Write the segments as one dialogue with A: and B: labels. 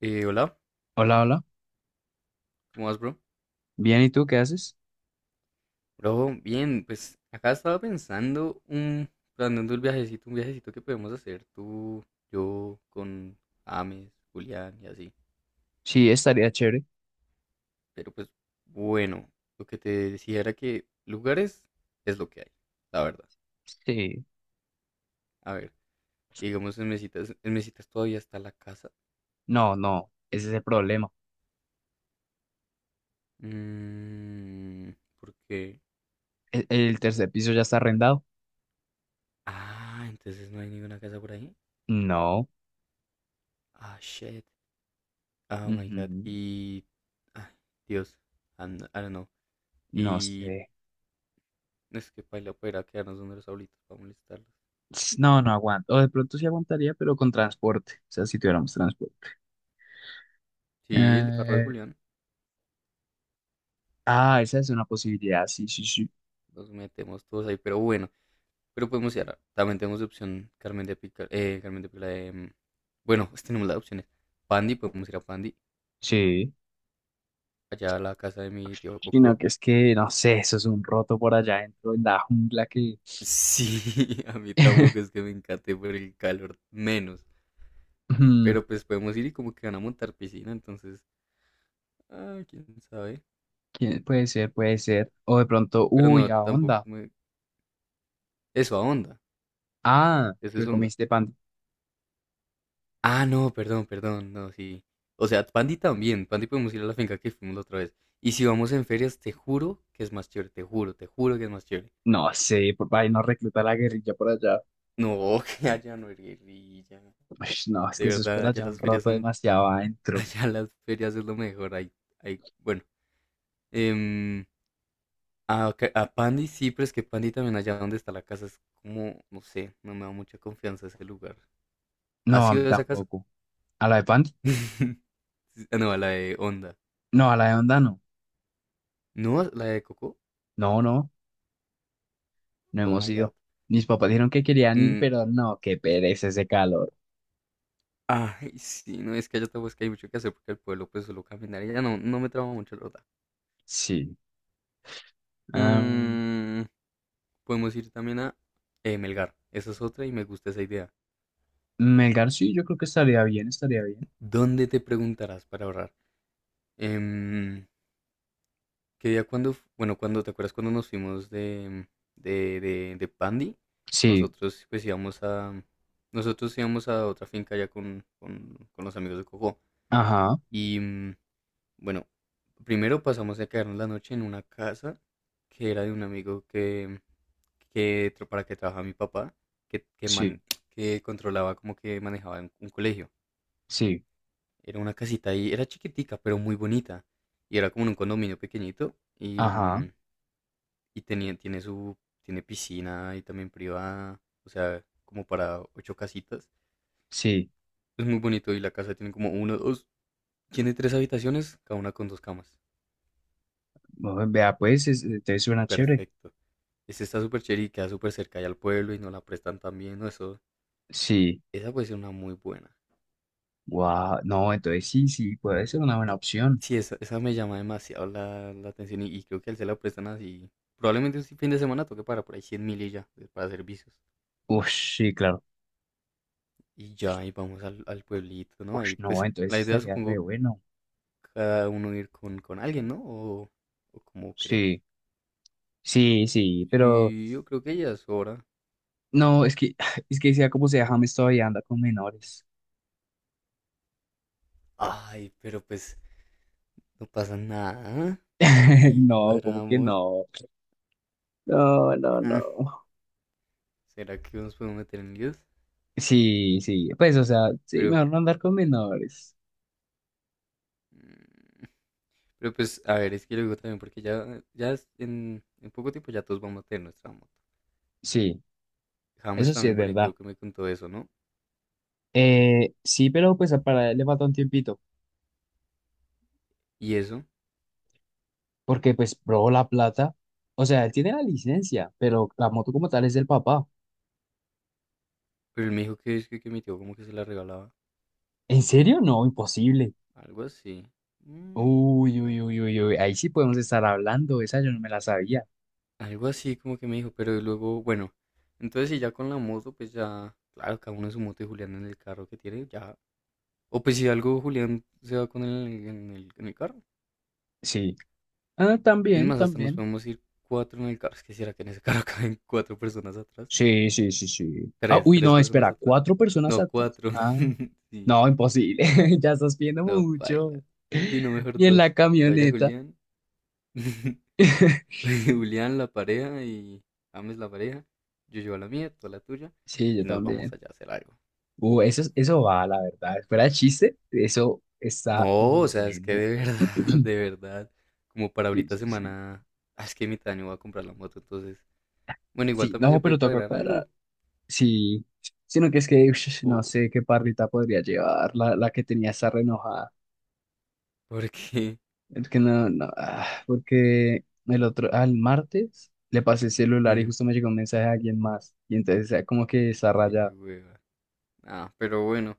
A: Hola,
B: Hola, hola.
A: ¿cómo vas, bro?
B: Bien, ¿y tú qué haces?
A: Bro, bien, pues acá estaba planeando el viajecito, un viajecito que podemos hacer tú, yo, con Ames, Julián y así.
B: Sí, estaría chévere.
A: Pero pues bueno, lo que te decía era que lugares es lo que hay, la verdad.
B: Sí.
A: A ver, digamos en Mesitas todavía está la casa.
B: No, no, ese es el problema.
A: Mm, ¿Por qué?
B: ¿El tercer piso ya está arrendado?
A: Ah, entonces no hay ninguna casa por ahí.
B: No.
A: Ah, shit. Oh my god.
B: Ujú.
A: Ay, Dios, I don't know.
B: No
A: Y
B: sé.
A: es que paila poder quedarnos donde los abuelitos para molestarlos.
B: Ts, no, no aguanto. O de pronto sí aguantaría, pero con transporte. O sea, si tuviéramos transporte.
A: Sí, el carro de
B: Eh,
A: Julián,
B: ah, esa es una posibilidad. Sí, sí, sí.
A: los metemos todos ahí, pero bueno, pero podemos ir. También tenemos de opción Carmen de Pica, bueno, pues tenemos las opciones. Pandi, podemos ir a Pandi,
B: Sí.
A: allá a la casa de mi tío
B: Sino
A: Coco.
B: que es que, no sé, eso es un roto por allá dentro en la jungla que…
A: Sí, a mí tampoco es que me encante por el calor, menos.
B: Mm,
A: Pero pues podemos ir y como que van a montar piscina, entonces, ah, quién sabe.
B: puede ser, puede ser. O de pronto,
A: Pero
B: uy,
A: no,
B: a
A: tampoco
B: onda.
A: me... Eso, a onda,
B: Ah,
A: eso es
B: pues
A: onda.
B: comiste pan.
A: Ah, no, perdón, perdón, no, sí. O sea, Pandi también, Pandi podemos ir a la finca que fuimos la otra vez. Y si vamos en ferias, te juro que es más chévere, te juro que es más chévere.
B: No sé, por ahí no recluta a la guerrilla por allá.
A: No, que allá no es guerrilla.
B: Ush, no, es
A: De
B: que eso es
A: verdad,
B: por
A: allá
B: allá un
A: las ferias
B: roto
A: son,
B: demasiado adentro.
A: allá las ferias es lo mejor. Ahí, ahí, bueno, em, a Pandi sí, pero es que Pandi también allá donde está la casa es como, no sé, no me da mucha confianza ese lugar.
B: No,
A: ¿Has
B: a mí
A: ido a esa casa?
B: tampoco. ¿A la de Pandi?
A: Ah, no, a la de Onda.
B: No, a la de Onda no.
A: ¿No? ¿La de Coco?
B: No, no, no
A: Oh
B: hemos
A: my God.
B: ido. Mis papás dijeron que querían ir,
A: Mm.
B: pero no, qué pereza ese calor.
A: Ay, sí, no, es que allá tampoco es que hay mucho que hacer porque el pueblo pues solo caminar y ya no, no me traba mucho, la verdad.
B: Sí. Ah,
A: Mm, podemos ir también a Melgar, esa es otra y me gusta esa idea.
B: Melgar sí, yo creo que estaría bien, estaría bien.
A: ¿Dónde te preguntarás para ahorrar? Em, ¿Qué día cuando, bueno, cuando, te acuerdas cuando nos fuimos de Pandi?
B: Sí,
A: Nosotros pues íbamos a, nosotros íbamos a otra finca allá con los amigos de Coco
B: ajá,
A: y... bueno, primero pasamos a quedarnos la noche en una casa que era de un amigo que para que trabajaba mi papá, que, que,
B: sí,
A: man- que controlaba como que manejaba un colegio.
B: sí,
A: Era una casita ahí, era chiquitica, pero muy bonita. Y era como en un condominio pequeñito y,
B: ajá,
A: y tiene su, tiene piscina y también privada, o sea, como para ocho casitas.
B: sí.
A: Es muy bonito y la casa tiene como uno, dos, tiene tres habitaciones, cada una con dos camas.
B: Bueno, vea, pues, entonces suena chévere.
A: Perfecto. Ese está súper chévere y queda súper cerca allá al pueblo y no la prestan también, ¿no? Eso,
B: Sí,
A: esa puede ser una muy buena.
B: wow, no, entonces sí, sí, puede ser una buena opción.
A: Sí, esa me llama demasiado la, la atención y creo que él se la prestan así. Probablemente un si, fin de semana toque para por ahí 100.000 y ya, para servicios.
B: Ush, sí, claro.
A: Y ya, y vamos al, al pueblito, ¿no?
B: Ush,
A: Ahí,
B: no,
A: pues,
B: entonces
A: la idea
B: estaría re
A: supongo
B: bueno.
A: cada uno ir con alguien, ¿no? O cómo crees.
B: Sí, sí, sí, pero
A: Sí, yo creo que ya es hora.
B: no, es que, es que sea como sea, James todavía anda con menores.
A: Ay, pero pues, no pasa nada, ¿eh? Ahí
B: No, como que
A: cuadramos.
B: no. No, no,
A: Mm.
B: no.
A: ¿Será que nos podemos meter en líos?
B: Sí, sí, pues, o sea, sí,
A: Pero
B: mejor no andar con menores.
A: mm, pero pues, a ver, es que luego también, porque ya, en poco tiempo ya todos vamos a tener nuestra moto.
B: Sí,
A: James
B: eso sí es
A: también por ahí
B: verdad.
A: creo que me contó eso, ¿no?
B: Sí, pero pues para él le falta un tiempito,
A: Y eso,
B: porque pues probó la plata. O sea, él tiene la licencia, pero la moto como tal es del papá.
A: pero él me dijo que, es que mi tío como que se la regalaba.
B: ¿En serio? No, imposible.
A: Algo así. Mm,
B: Uy, uy,
A: bueno.
B: uy, uy, uy, ahí sí podemos estar hablando, esa yo no me la sabía.
A: Algo así como que me dijo, pero luego, bueno. Entonces, si ya con la moto, pues ya, claro, cada uno en su moto y Julián en el carro que tiene, ya. O pues si algo, Julián se va con él en en el carro.
B: Sí. Ah,
A: Es
B: también,
A: más, hasta nos
B: también.
A: podemos ir cuatro en el carro. Es que si que en ese carro caben cuatro personas atrás.
B: Sí, sí, sí, sí. Ah,
A: Tres,
B: uy,
A: tres
B: no,
A: personas
B: espera,
A: atrás.
B: ¿cuatro personas
A: No,
B: altas?
A: cuatro.
B: Ah,
A: Sí,
B: no, imposible, ya estás pidiendo
A: no, baila.
B: mucho.
A: Sí, no, mejor
B: Y en la
A: dos. Que vaya
B: camioneta.
A: Julián. Julián, la pareja y James, la pareja. Yo llevo la mía, tú la tuya.
B: Sí, yo
A: Y nos vamos
B: también.
A: allá a hacer algo. Uf.
B: Eso, eso va, la verdad. Fuera de chiste, eso está
A: No,
B: muy
A: o sea, es que
B: bueno.
A: de verdad, de verdad. Como para
B: Sí,
A: ahorita
B: sí, sí.
A: semana. Ah, es que mi año va a comprar la moto, entonces. Bueno, igual
B: Sí,
A: también
B: no,
A: se puede
B: pero toca
A: cuadrar
B: cuadrar.
A: algo.
B: Sí, sino que es que ush, no
A: Uf,
B: sé qué parrita podría llevar, la que tenía esa renojada.
A: porque.
B: Es que no, no, ah, porque el otro, al martes le pasé el celular y
A: mm,
B: justo me llegó un mensaje de alguien más. Y entonces ah, como que esa
A: qué
B: raya,
A: hueva. Ah, pero bueno.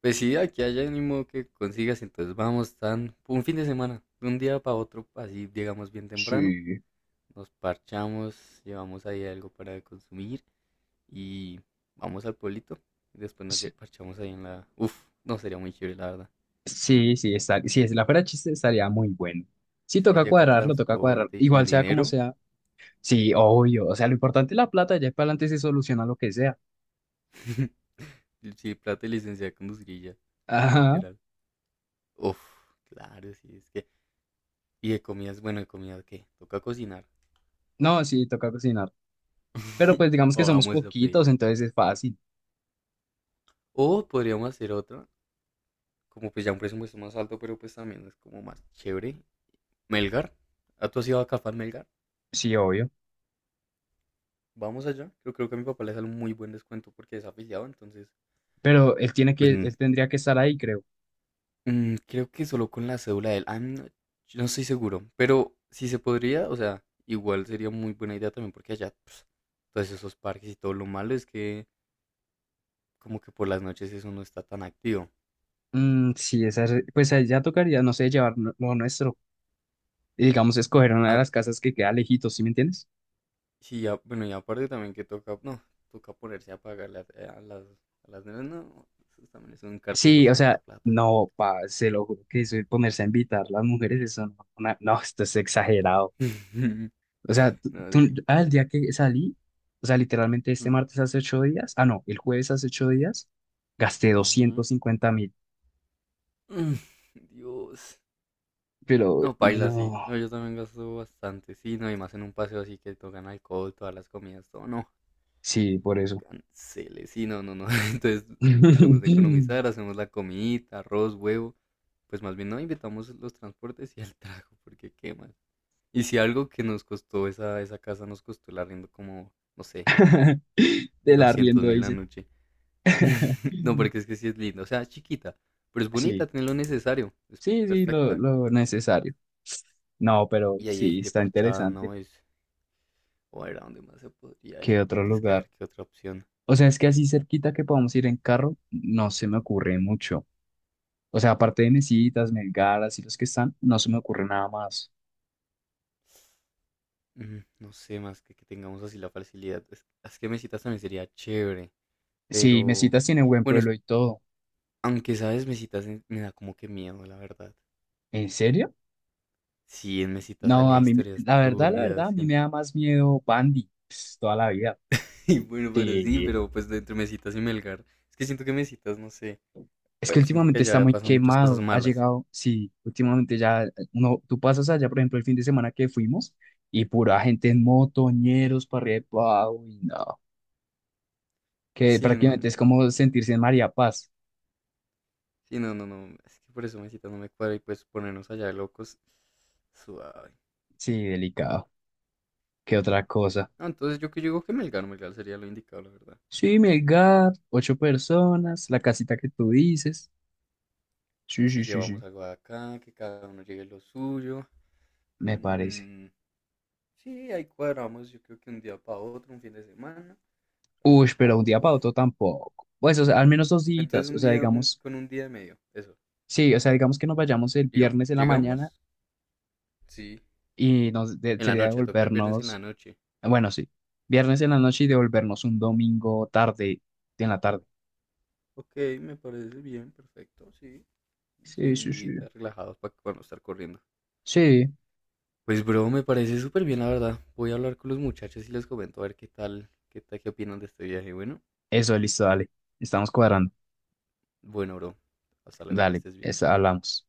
A: Pues sí, aquí hay ánimo que consigas, entonces vamos tan un fin de semana, de un día para otro, así llegamos bien temprano,
B: sí,
A: nos parchamos, llevamos ahí algo para consumir y vamos al pueblito. Y después nos
B: sí,
A: parchamos ahí en la... Uf, no sería muy chévere, la verdad.
B: sí, sí, está, si es la fuera chiste estaría muy bueno. Sí,
A: Es que
B: toca
A: ya con
B: cuadrarlo, toca cuadrarlo.
A: transporte y con
B: Igual sea como
A: dinero,
B: sea. Sí, obvio. O sea, lo importante es la plata, ya para adelante se soluciona lo que sea.
A: y sí, plata y licencia de conducir y ya,
B: Ajá.
A: literal. Uf, claro, sí, es que... Y de comidas, bueno, de comida, ¿qué? Toca cocinar.
B: No, sí, toca cocinar. Pero pues digamos que
A: O
B: somos
A: vamos a pedir.
B: poquitos, entonces es fácil.
A: O podríamos hacer otra como pues ya un presupuesto más alto, pero pues también es como más chévere. Melgar, ¿ah, ¿tú has ido a Cafán Melgar?
B: Sí, obvio.
A: Vamos allá. Yo creo que a mi papá le sale un muy buen descuento porque es afiliado, entonces,
B: Pero él tiene
A: pues
B: que,
A: mm,
B: él tendría que estar ahí, creo.
A: mm, creo que solo con la cédula de él. Ah, no, yo no estoy seguro, pero si se podría, o sea, igual sería muy buena idea también porque allá, pues, todos esos parques y todo lo malo es que como que por las noches eso no está tan activo.
B: Mm, sí, esa, pues ahí ya tocaría, no sé, llevar lo nuestro. Y digamos, escoger una de
A: Ah,
B: las casas que queda lejitos, ¿sí me entiendes?
A: sí, ya, bueno, y aparte también que toca, no, toca ponerse a pagarle a las nenas, no, eso también es un cartizo
B: Sí, o
A: harta
B: sea,
A: plata.
B: no, pa, se lo juro que eso de ponerse a invitar las mujeres, eso no, no, esto es exagerado. O sea,
A: No, sí,
B: ah, el
A: paila.
B: día que salí, o sea, literalmente este
A: Mm,
B: martes hace 8 días, ah, no, el jueves hace 8 días, gasté
A: ujú.
B: 250.000,
A: Mm, Dios.
B: pero
A: No, paila, sí.
B: no,
A: No, yo también gasto bastante, sí, no, y más en un paseo así que tocan alcohol, todas las comidas, todo, no,
B: sí, por eso.
A: cancele, sí, no, no, no. Entonces, tratemos de economizar, hacemos la comidita, arroz, huevo, pues más bien no invitamos los transportes y el trago, porque qué más. Y si algo que nos costó esa, esa casa, nos costó el arriendo como, no sé,
B: Del
A: doscientos
B: arriendo,
A: mil la
B: dice.
A: noche. No, porque es que sí es lindo. O sea, es chiquita, pero es bonita,
B: Sí.
A: tiene lo necesario. Es
B: Sí, sí,
A: perfecta.
B: lo
A: Tiene...
B: necesario. No, pero
A: Y ahí hay
B: sí,
A: gente
B: está
A: parchada,
B: interesante.
A: ¿no? Es... O a ver, ¿a dónde más se podría
B: ¿Qué
A: ir?
B: otro
A: Porque es que a
B: lugar?
A: ver qué otra opción.
B: O sea, es que así cerquita que podamos ir en carro, no se me ocurre mucho. O sea, aparte de Mesitas, Melgaras y los que están, no se me ocurre nada más.
A: No sé, más que tengamos así la facilidad. Es que mesitas también sería chévere.
B: Sí,
A: Pero,
B: Mesitas tiene buen
A: bueno,
B: pueblo y todo.
A: aunque sabes, me da como que miedo, la verdad.
B: ¿En serio?
A: Sí, en mesitas
B: No,
A: sale
B: a mí,
A: historias
B: la verdad,
A: turbias.
B: a mí
A: Y
B: me da más miedo Bandy, pues, toda la vida.
A: y bueno, pero sí,
B: Sí,
A: pero pues entre Mesitas y Melgar. Es que siento que Mesitas, no sé.
B: es que
A: Siento que
B: últimamente está
A: allá
B: muy
A: pasan muchas cosas
B: quemado, ha
A: malas.
B: llegado, sí, últimamente ya, uno, tú pasas allá, por ejemplo, el fin de semana que fuimos y pura gente en motoñeros para arriba y pa' abajo, y no, que
A: Sí, no, no,
B: prácticamente es
A: no,
B: como
A: no,
B: sentirse
A: no.
B: en María Paz,
A: Sí, no, no, no. Es que por eso Mesitas no me cuadra y pues ponernos allá de locos. Suave.
B: sí, delicado, qué otra cosa.
A: No, entonces yo digo que Melgar, Melgar sería lo indicado, la verdad.
B: Sí, Melgar, ocho personas, la casita que tú dices, sí,
A: Si
B: sí, sí,
A: llevamos
B: sí,
A: algo de acá, que cada uno llegue lo suyo.
B: me parece.
A: Mm, sí, ahí cuadramos, yo creo que un día para otro, un fin de semana,
B: Uy, pero un
A: relajado.
B: día
A: Uf.
B: para otro tampoco, pues, o sea, al menos dos
A: Entonces
B: días, o
A: un
B: sea,
A: día,
B: digamos,
A: con un día de medio, eso.
B: sí, o sea, digamos que nos vayamos el
A: Digamos,
B: viernes en la mañana
A: llegamos, sí,
B: y
A: en la
B: sería
A: noche, toca el viernes en la
B: devolvernos,
A: noche.
B: bueno, sí, viernes en la noche y devolvernos un domingo tarde, en la tarde.
A: Ok, me parece bien, perfecto, sí. Sí,
B: Sí,
A: un
B: sí,
A: día
B: sí.
A: relajados para no estar corriendo.
B: Sí,
A: Pues, bro, me parece súper bien, la verdad. Voy a hablar con los muchachos y les comento a ver qué tal, qué tal, qué opinan de este viaje. Bueno,
B: eso, listo, dale. Estamos cuadrando.
A: bueno, bro. Hasta luego, que
B: Dale,
A: estés bien.
B: hablamos.